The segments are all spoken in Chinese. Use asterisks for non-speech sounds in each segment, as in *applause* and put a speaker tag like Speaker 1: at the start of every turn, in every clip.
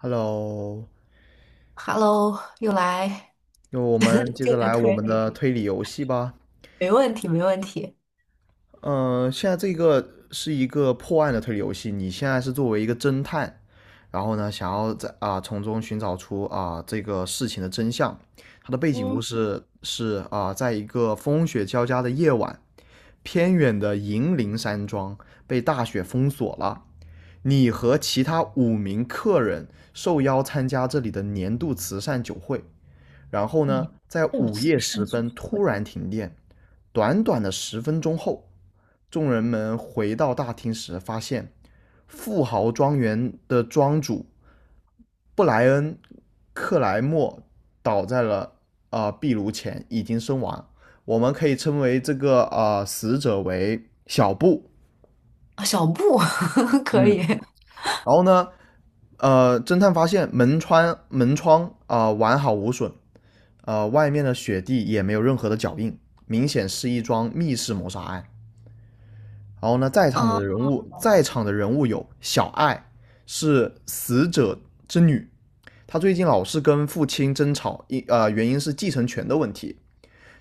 Speaker 1: Hello，
Speaker 2: Hello，又来。
Speaker 1: 那我们
Speaker 2: *laughs*
Speaker 1: 接
Speaker 2: 又
Speaker 1: 着
Speaker 2: 来
Speaker 1: 来我
Speaker 2: 推
Speaker 1: 们
Speaker 2: 理，
Speaker 1: 的推理游戏吧。
Speaker 2: 没问题，没问题。
Speaker 1: 嗯、现在这个是一个破案的推理游戏，你现在是作为一个侦探，然后呢，想要从中寻找出这个事情的真相。它的背景故
Speaker 2: 嗯，
Speaker 1: 事是在一个风雪交加的夜晚，偏远的银铃山庄被大雪封锁了。你和其他5名客人受邀参加这里的年度慈善酒会。然后呢，
Speaker 2: 你
Speaker 1: 在
Speaker 2: *laughs* 不
Speaker 1: 午
Speaker 2: 慈
Speaker 1: 夜时
Speaker 2: 善组
Speaker 1: 分
Speaker 2: 会。
Speaker 1: 突然停电。短短的10分钟后，众人们回到大厅时，发现富豪庄园的庄主布莱恩·克莱默倒在了壁炉前，已经身亡。我们可以称为这个死者为小布。
Speaker 2: 啊，小布。 *laughs* 可以。
Speaker 1: 嗯，然后呢，侦探发现门窗完好无损，外面的雪地也没有任何的脚印，明显是一桩密室谋杀案。然后呢，
Speaker 2: 啊。
Speaker 1: 在场的人物有小爱是死者之女，她最近老是跟父亲争吵，原因是继承权的问题。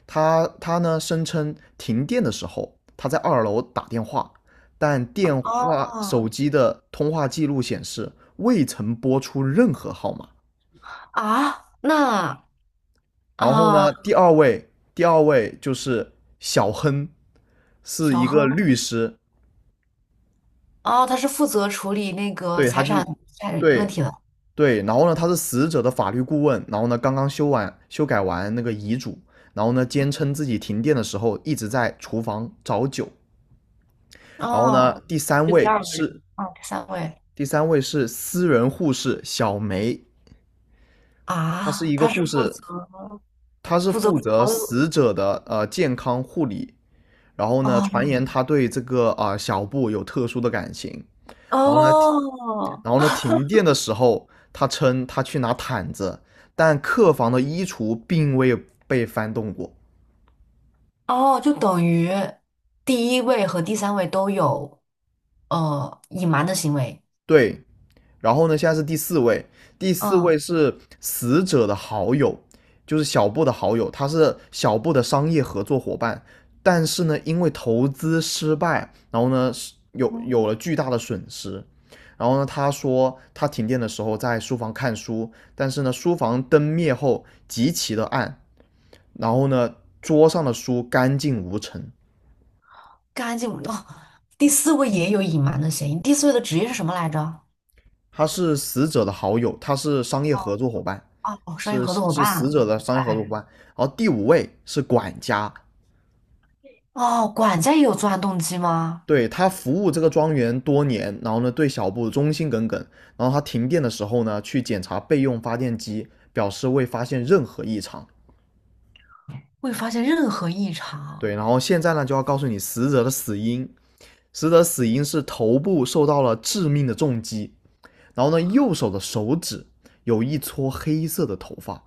Speaker 1: 她呢声称停电的时候，她在2楼打电话，但电话
Speaker 2: 哦。
Speaker 1: 手机的通话记录显示未曾拨出任何号码。
Speaker 2: 啊，那。
Speaker 1: 然后
Speaker 2: 啊，
Speaker 1: 呢，第二位就是小亨，是
Speaker 2: 小
Speaker 1: 一个
Speaker 2: 亨。
Speaker 1: 律师，
Speaker 2: 哦，他是负责处理那个
Speaker 1: 对，他
Speaker 2: 财
Speaker 1: 就
Speaker 2: 产
Speaker 1: 是，
Speaker 2: 财产问
Speaker 1: 对
Speaker 2: 题的。
Speaker 1: 对，然后呢，他是死者的法律顾问，然后呢，刚刚修改完那个遗嘱，然后呢，坚称自己停电的时候一直在厨房找酒，然后呢，
Speaker 2: 哦，就第二个人。哦，第三位。
Speaker 1: 第三位是私人护士小梅，她是
Speaker 2: 啊，
Speaker 1: 一个
Speaker 2: 他是
Speaker 1: 护
Speaker 2: 负
Speaker 1: 士，
Speaker 2: 责
Speaker 1: 她是
Speaker 2: 负责
Speaker 1: 负责
Speaker 2: 所有。
Speaker 1: 死者的健康护理然后呢，传
Speaker 2: 哦。
Speaker 1: 言他对这个小布有特殊的感情。然后呢，
Speaker 2: 哦。
Speaker 1: 然后呢，停电的时候，他称他去拿毯子，但客房的衣橱并未被翻动过。
Speaker 2: 哦，就等于第一位和第三位都有隐瞒的行为。
Speaker 1: 对，然后呢，现在是第四位，第四
Speaker 2: 嗯。
Speaker 1: 位是死者的好友，就是小布的好友，他是小布的商业合作伙伴，但是呢，因为投资失败，然后呢，有
Speaker 2: 嗯，
Speaker 1: 有了巨大的损失。然后呢，他说他停电的时候在书房看书，但是呢，书房灯灭后极其的暗，然后呢，桌上的书干净无尘。
Speaker 2: 干净哦。第四位也有隐瞒的嫌疑。第四位的职业是什么来着？
Speaker 1: 他是死者的好友，他是商业合作伙伴，
Speaker 2: 哦，哦，商业
Speaker 1: 是
Speaker 2: 合作伙
Speaker 1: 是死
Speaker 2: 伴。
Speaker 1: 者的商业合作伙
Speaker 2: 哎。
Speaker 1: 伴。然后第五位是管家，
Speaker 2: 哦，管家也有作案动机吗？
Speaker 1: 对他服务这个庄园多年，然后呢对小布忠心耿耿。然后他停电的时候呢，去检查备用发电机，表示未发现任何异常。
Speaker 2: 未发现任何异常。
Speaker 1: 对，然后现在呢就要告诉你死者的死因，是头部受到了致命的重击，然后呢右手的手指有一撮黑色的头发，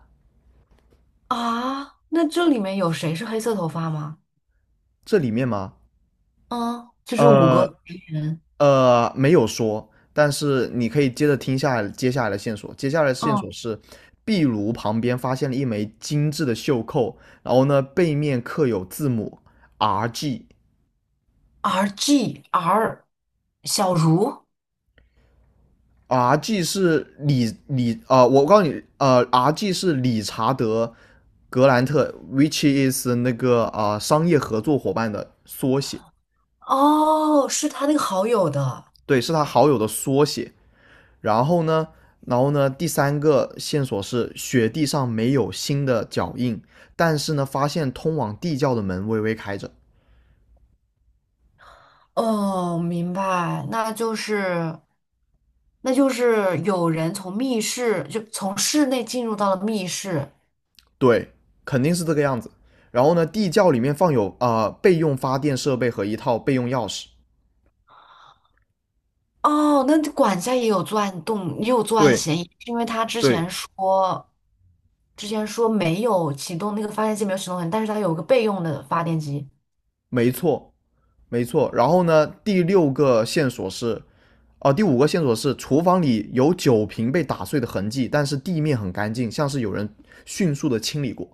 Speaker 2: 啊？那这里面有谁是黑色头发吗？
Speaker 1: 这里面吗？
Speaker 2: 嗯，就是五个
Speaker 1: 呃，
Speaker 2: 人。
Speaker 1: 没有说，但是你可以接着听下来接下来的线索。接下来的线
Speaker 2: 嗯
Speaker 1: 索是，壁炉旁边发现了一枚精致的袖扣，然后呢，背面刻有字母 R G。
Speaker 2: ，R G R,小茹。
Speaker 1: R G 是理理呃，我告诉你，R G 是理查德格兰特，which is 那个商业合作伙伴的缩写，
Speaker 2: 哦，是他那个好友的。
Speaker 1: 对，是他好友的缩写。然后呢，第三个线索是雪地上没有新的脚印，但是呢，发现通往地窖的门微微开着。
Speaker 2: 哦，明白，那就是，那就是有人从密室，就从室内进入到了密室。
Speaker 1: 对，肯定是这个样子。然后呢，地窖里面放有备用发电设备和一套备用钥匙。
Speaker 2: 哦，那管家也有作案动，也有作案
Speaker 1: 对
Speaker 2: 嫌疑，是因为他之
Speaker 1: 对，
Speaker 2: 前说，之前说没有启动那个发电机，没有启动很，但是他有个备用的发电机。
Speaker 1: 没错没错。然后呢，第五个线索是厨房里有酒瓶被打碎的痕迹，但是地面很干净，像是有人迅速的清理过。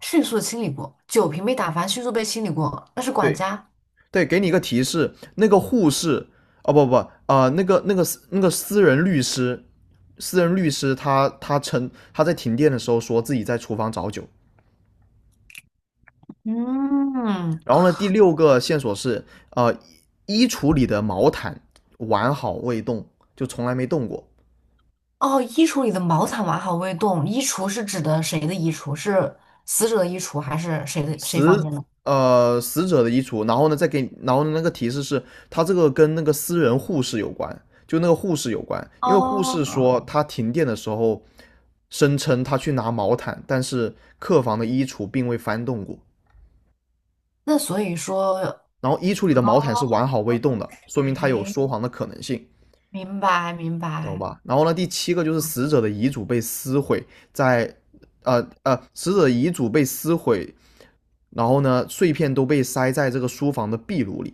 Speaker 2: 迅速的清理过，酒瓶被打翻，迅速被清理过，那是管
Speaker 1: 对，
Speaker 2: 家。
Speaker 1: 对，给你一个提示，那个护士，哦不不那个私人律师，私人律师他称他在停电的时候说自己在厨房找酒。
Speaker 2: 嗯。
Speaker 1: 然后呢，第六个线索是，呃，衣橱里的毛毯完好未动，就从来没动过。
Speaker 2: 哦，衣橱里的毛毯完好未动，衣橱是指的谁的衣橱？是死者的衣橱还是谁的谁房
Speaker 1: 死
Speaker 2: 间的？
Speaker 1: 死者的衣橱，然后呢再给，然后呢那个提示是，他这个跟那个私人护士有关，就那个护士有关，因为护士
Speaker 2: 哦，
Speaker 1: 说他停电的时候声称他去拿毛毯，但是客房的衣橱并未翻动过，
Speaker 2: 那所以说。
Speaker 1: 然后衣橱里的毛毯是完好未动的，说明他有
Speaker 2: 哎，
Speaker 1: 说谎的可能性，
Speaker 2: 明白明
Speaker 1: 懂
Speaker 2: 白。
Speaker 1: 吧？然后呢，第七个就是死者的遗嘱被撕毁，在呃呃，死者的遗嘱被撕毁，然后呢，碎片都被塞在这个书房的壁炉里。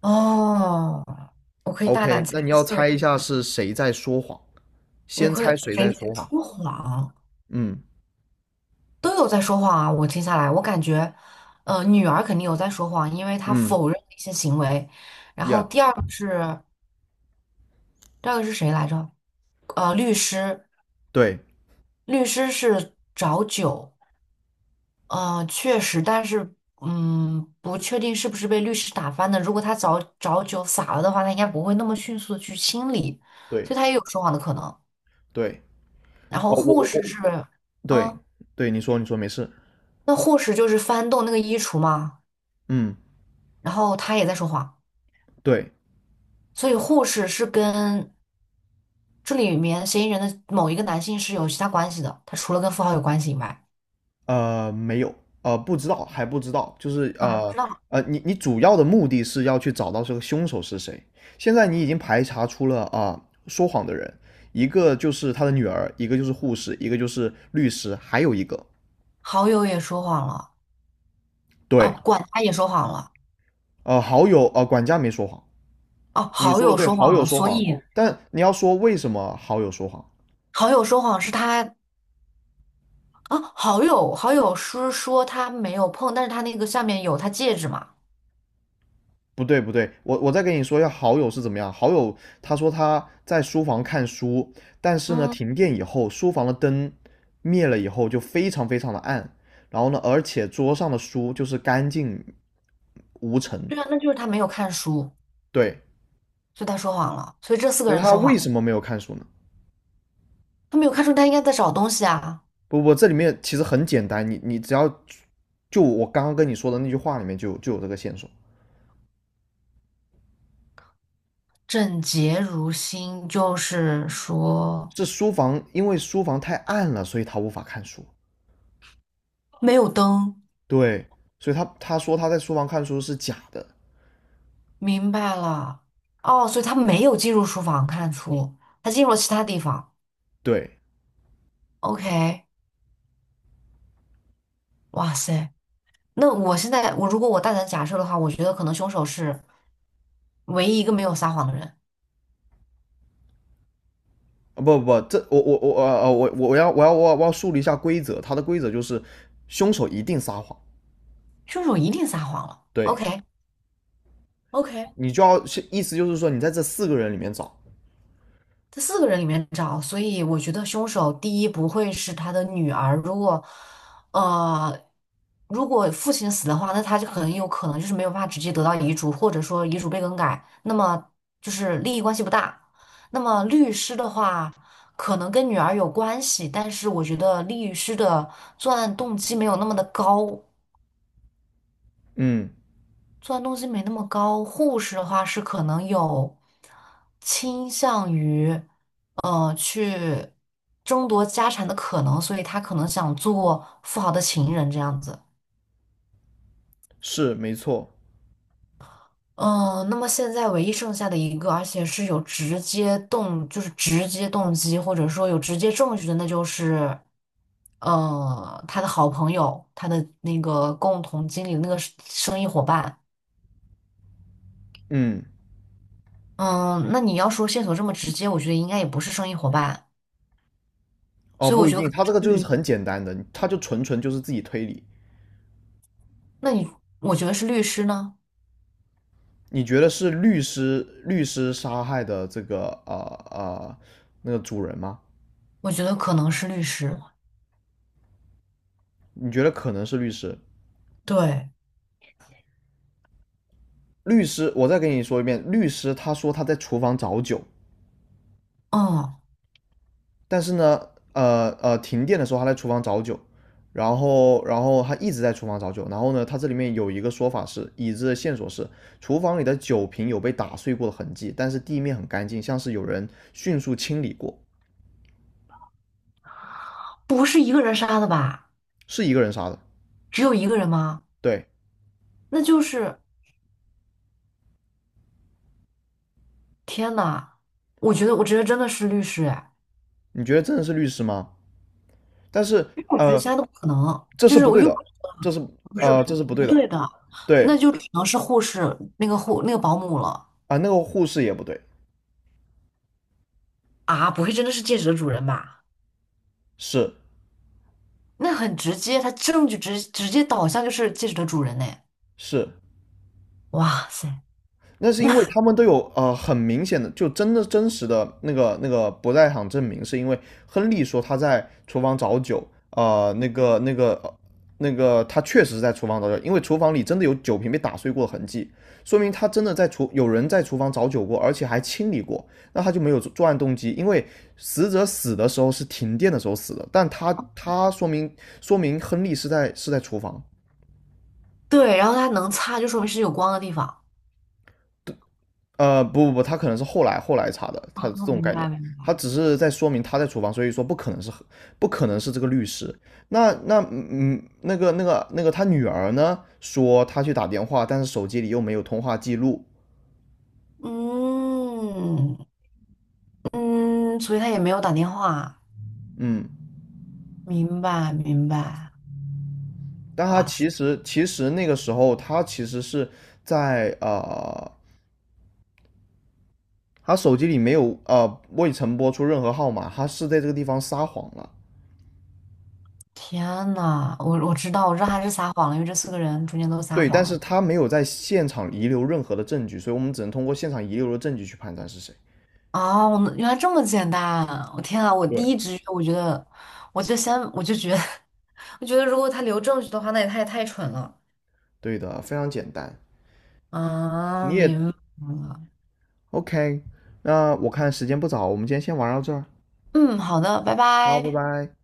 Speaker 2: 哦，我可以大胆
Speaker 1: OK，
Speaker 2: 猜
Speaker 1: 那你要
Speaker 2: 测
Speaker 1: 猜
Speaker 2: 一
Speaker 1: 一下
Speaker 2: 下。
Speaker 1: 是谁在说谎？
Speaker 2: 我
Speaker 1: 先
Speaker 2: 可以
Speaker 1: 猜谁在
Speaker 2: 谁在
Speaker 1: 说谎？
Speaker 2: 说谎？
Speaker 1: 嗯
Speaker 2: 都有在说谎啊！我听下来，我感觉，女儿肯定有在说谎，因为她
Speaker 1: 嗯
Speaker 2: 否认一些行为。然后
Speaker 1: ，Yeah，
Speaker 2: 第二个是第二个是谁来着？律师，
Speaker 1: 对
Speaker 2: 律师是找酒。嗯，确实，但是，嗯，不确定是不是被律师打翻的。如果他早早酒洒了的话，他应该不会那么迅速的去清理，
Speaker 1: 对
Speaker 2: 所以他也有说谎的可能。
Speaker 1: 对，
Speaker 2: 然
Speaker 1: 哦，
Speaker 2: 后
Speaker 1: 我
Speaker 2: 护
Speaker 1: 我
Speaker 2: 士
Speaker 1: 我，
Speaker 2: 是，
Speaker 1: 对
Speaker 2: 嗯，
Speaker 1: 对，你说没事，
Speaker 2: 那护士就是翻动那个衣橱嘛，
Speaker 1: 嗯。
Speaker 2: 然后他也在说谎，
Speaker 1: 对，
Speaker 2: 所以护士是跟这里面嫌疑人的某一个男性是有其他关系的，他除了跟富豪有关系以外，
Speaker 1: 没有，不知道，还不知道，就是
Speaker 2: 啊，还不知道。
Speaker 1: 你主要的目的是要去找到这个凶手是谁。现在你已经排查出了说谎的人，一个就是他的女儿，一个就是护士，一个就是律师，还有一个
Speaker 2: 好友也说谎了。啊，
Speaker 1: 对，
Speaker 2: 管家也说谎了。
Speaker 1: 好友呃管家没说谎，
Speaker 2: 哦、
Speaker 1: 你
Speaker 2: 好
Speaker 1: 说的
Speaker 2: 友
Speaker 1: 对，
Speaker 2: 说
Speaker 1: 好
Speaker 2: 谎
Speaker 1: 友
Speaker 2: 了，
Speaker 1: 说
Speaker 2: 所
Speaker 1: 谎，
Speaker 2: 以。
Speaker 1: 但你要说为什么好友说谎，
Speaker 2: 好友说谎是他。啊，好友是说他没有碰，但是他那个下面有他戒指嘛。
Speaker 1: 不对不对，我再跟你说一下好友是怎么样。好友他说他在书房看书，但是呢，
Speaker 2: 嗯，
Speaker 1: 停电以后，书房的灯灭了以后就非常非常的暗，然后呢，而且桌上的书就是干净无尘。
Speaker 2: 对啊，那就是他没有看书，
Speaker 1: 对，
Speaker 2: 所以他说谎了。所以这四个
Speaker 1: 就是
Speaker 2: 人
Speaker 1: 他
Speaker 2: 说
Speaker 1: 为
Speaker 2: 谎。
Speaker 1: 什么没有看书呢？
Speaker 2: 他没有看书，他应该在找东西啊。
Speaker 1: 不不，这里面其实很简单，你只要就我刚刚跟你说的那句话里面就有这个线索，
Speaker 2: 整洁如新，就是说
Speaker 1: 是书房因为书房太暗了，所以他无法看书。
Speaker 2: 没有灯。
Speaker 1: 对，所以他说他在书房看书是假的。
Speaker 2: 明白了。哦，所以他没有进入书房看书，他进入了其他地方。
Speaker 1: 对，
Speaker 2: OK，哇塞，那我现在我如果我大胆假设的话，我觉得可能凶手是唯一一个没有撒谎的人。
Speaker 1: 啊不不不，这我要树立一下规则，它的规则就是凶手一定撒谎，
Speaker 2: 凶手一定撒谎了。
Speaker 1: 对
Speaker 2: OK。 OK，
Speaker 1: 你就要意思就是说你在这四个人里面找，
Speaker 2: 在四个人里面找，所以我觉得凶手第一不会是他的女儿。如果呃，如果父亲死的话，那他就很有可能就是没有办法直接得到遗嘱，或者说遗嘱被更改，那么就是利益关系不大。那么律师的话，可能跟女儿有关系，但是我觉得律师的作案动机没有那么的高。
Speaker 1: 嗯，
Speaker 2: 作案动机没那么高。护士的话是可能有倾向于，去争夺家产的可能，所以他可能想做富豪的情人这样子。
Speaker 1: 是没错，
Speaker 2: 嗯、那么现在唯一剩下的一个，而且是有直接动，就是直接动机，或者说有直接证据的，那就是，他的好朋友，他的那个共同经理的那个生意伙伴。
Speaker 1: 嗯，
Speaker 2: 嗯，那你要说线索这么直接，我觉得应该也不是生意伙伴。
Speaker 1: 哦
Speaker 2: 所以我
Speaker 1: 不一
Speaker 2: 觉得可
Speaker 1: 定，
Speaker 2: 能
Speaker 1: 他这个
Speaker 2: 是
Speaker 1: 就是
Speaker 2: 律，
Speaker 1: 很简单的，他就纯纯就是自己推理，
Speaker 2: 那你我觉得是律师呢？
Speaker 1: 你觉得是律师杀害的这个呃那个主人吗？
Speaker 2: 我觉得可能是律师。
Speaker 1: 你觉得可能是律师？
Speaker 2: 对。
Speaker 1: 律师，我再跟你说一遍，律师他说他在厨房找酒，
Speaker 2: 嗯，
Speaker 1: 但是呢，停电的时候他在厨房找酒，然后他一直在厨房找酒，然后呢，他这里面有一个说法是，已知的线索是厨房里的酒瓶有被打碎过的痕迹，但是地面很干净，像是有人迅速清理过，
Speaker 2: 不是一个人杀的吧？
Speaker 1: 是一个人杀的。
Speaker 2: 只有一个人吗？
Speaker 1: 对，
Speaker 2: 那就是天呐，我觉得真的是律师哎，
Speaker 1: 你觉得真的是律师吗？但是
Speaker 2: 因为我觉得
Speaker 1: 呃，
Speaker 2: 其他都不可能，
Speaker 1: 这
Speaker 2: 就
Speaker 1: 是
Speaker 2: 是
Speaker 1: 不
Speaker 2: 我
Speaker 1: 对
Speaker 2: 又不
Speaker 1: 的，
Speaker 2: 是
Speaker 1: 这是这是不对
Speaker 2: 不
Speaker 1: 的。
Speaker 2: 对的，那
Speaker 1: 对
Speaker 2: 就只能是护士那个护那个保姆了。
Speaker 1: 啊，那个护士也不对，
Speaker 2: 啊！不会真的是戒指的主人吧？
Speaker 1: 是
Speaker 2: 那很直接，他证据直接导向就是戒指的主人呢！
Speaker 1: 是，
Speaker 2: 哇塞！
Speaker 1: 那是因为
Speaker 2: 那。
Speaker 1: 他们都有很明显的，就真的真实的那个不在场证明，是因为亨利说他在厨房找酒，呃，那个那个呃那个他确实是在厨房找酒，因为厨房里真的有酒瓶被打碎过的痕迹，说明他真的有人在厨房找酒过，而且还清理过，那他就没有作案动机，因为死者死的时候是停电的时候死的，但他说明亨利是在厨房，
Speaker 2: 对，然后它能擦，就说明是有光的地方。
Speaker 1: 不不不，他可能是后来查的，他这
Speaker 2: 哦，
Speaker 1: 种
Speaker 2: 明
Speaker 1: 概念，
Speaker 2: 白明
Speaker 1: 他
Speaker 2: 白。
Speaker 1: 只是在说明他在厨房，所以说不可能是这个律师。那那嗯，嗯那个那个那个他女儿呢，说他去打电话，但是手机里又没有通话记录，
Speaker 2: 嗯嗯，所以他也没有打电话。
Speaker 1: 嗯，
Speaker 2: 明白明白。
Speaker 1: 但他
Speaker 2: 哇塞，
Speaker 1: 其实那个时候他其实是在呃，他手机里没有未曾拨出任何号码，他是在这个地方撒谎了。
Speaker 2: 天呐，我知道，我知道他是撒谎了，因为这四个人中间都撒
Speaker 1: 对，
Speaker 2: 谎
Speaker 1: 但是
Speaker 2: 了。
Speaker 1: 他没有在现场遗留任何的证据，所以我们只能通过现场遗留的证据去判断是谁。
Speaker 2: 哦，我原来这么简单！我天啊，我
Speaker 1: 对，
Speaker 2: 第一直觉我觉得，我就先我就觉得，*laughs* 我觉得如果他留证据的话，那也太蠢了。
Speaker 1: 对的，非常简单。
Speaker 2: 啊，
Speaker 1: 你也
Speaker 2: 明白了。
Speaker 1: OK，那我看时间不早，我们今天先玩到这儿。
Speaker 2: 嗯，好的，拜
Speaker 1: 好，拜
Speaker 2: 拜。
Speaker 1: 拜。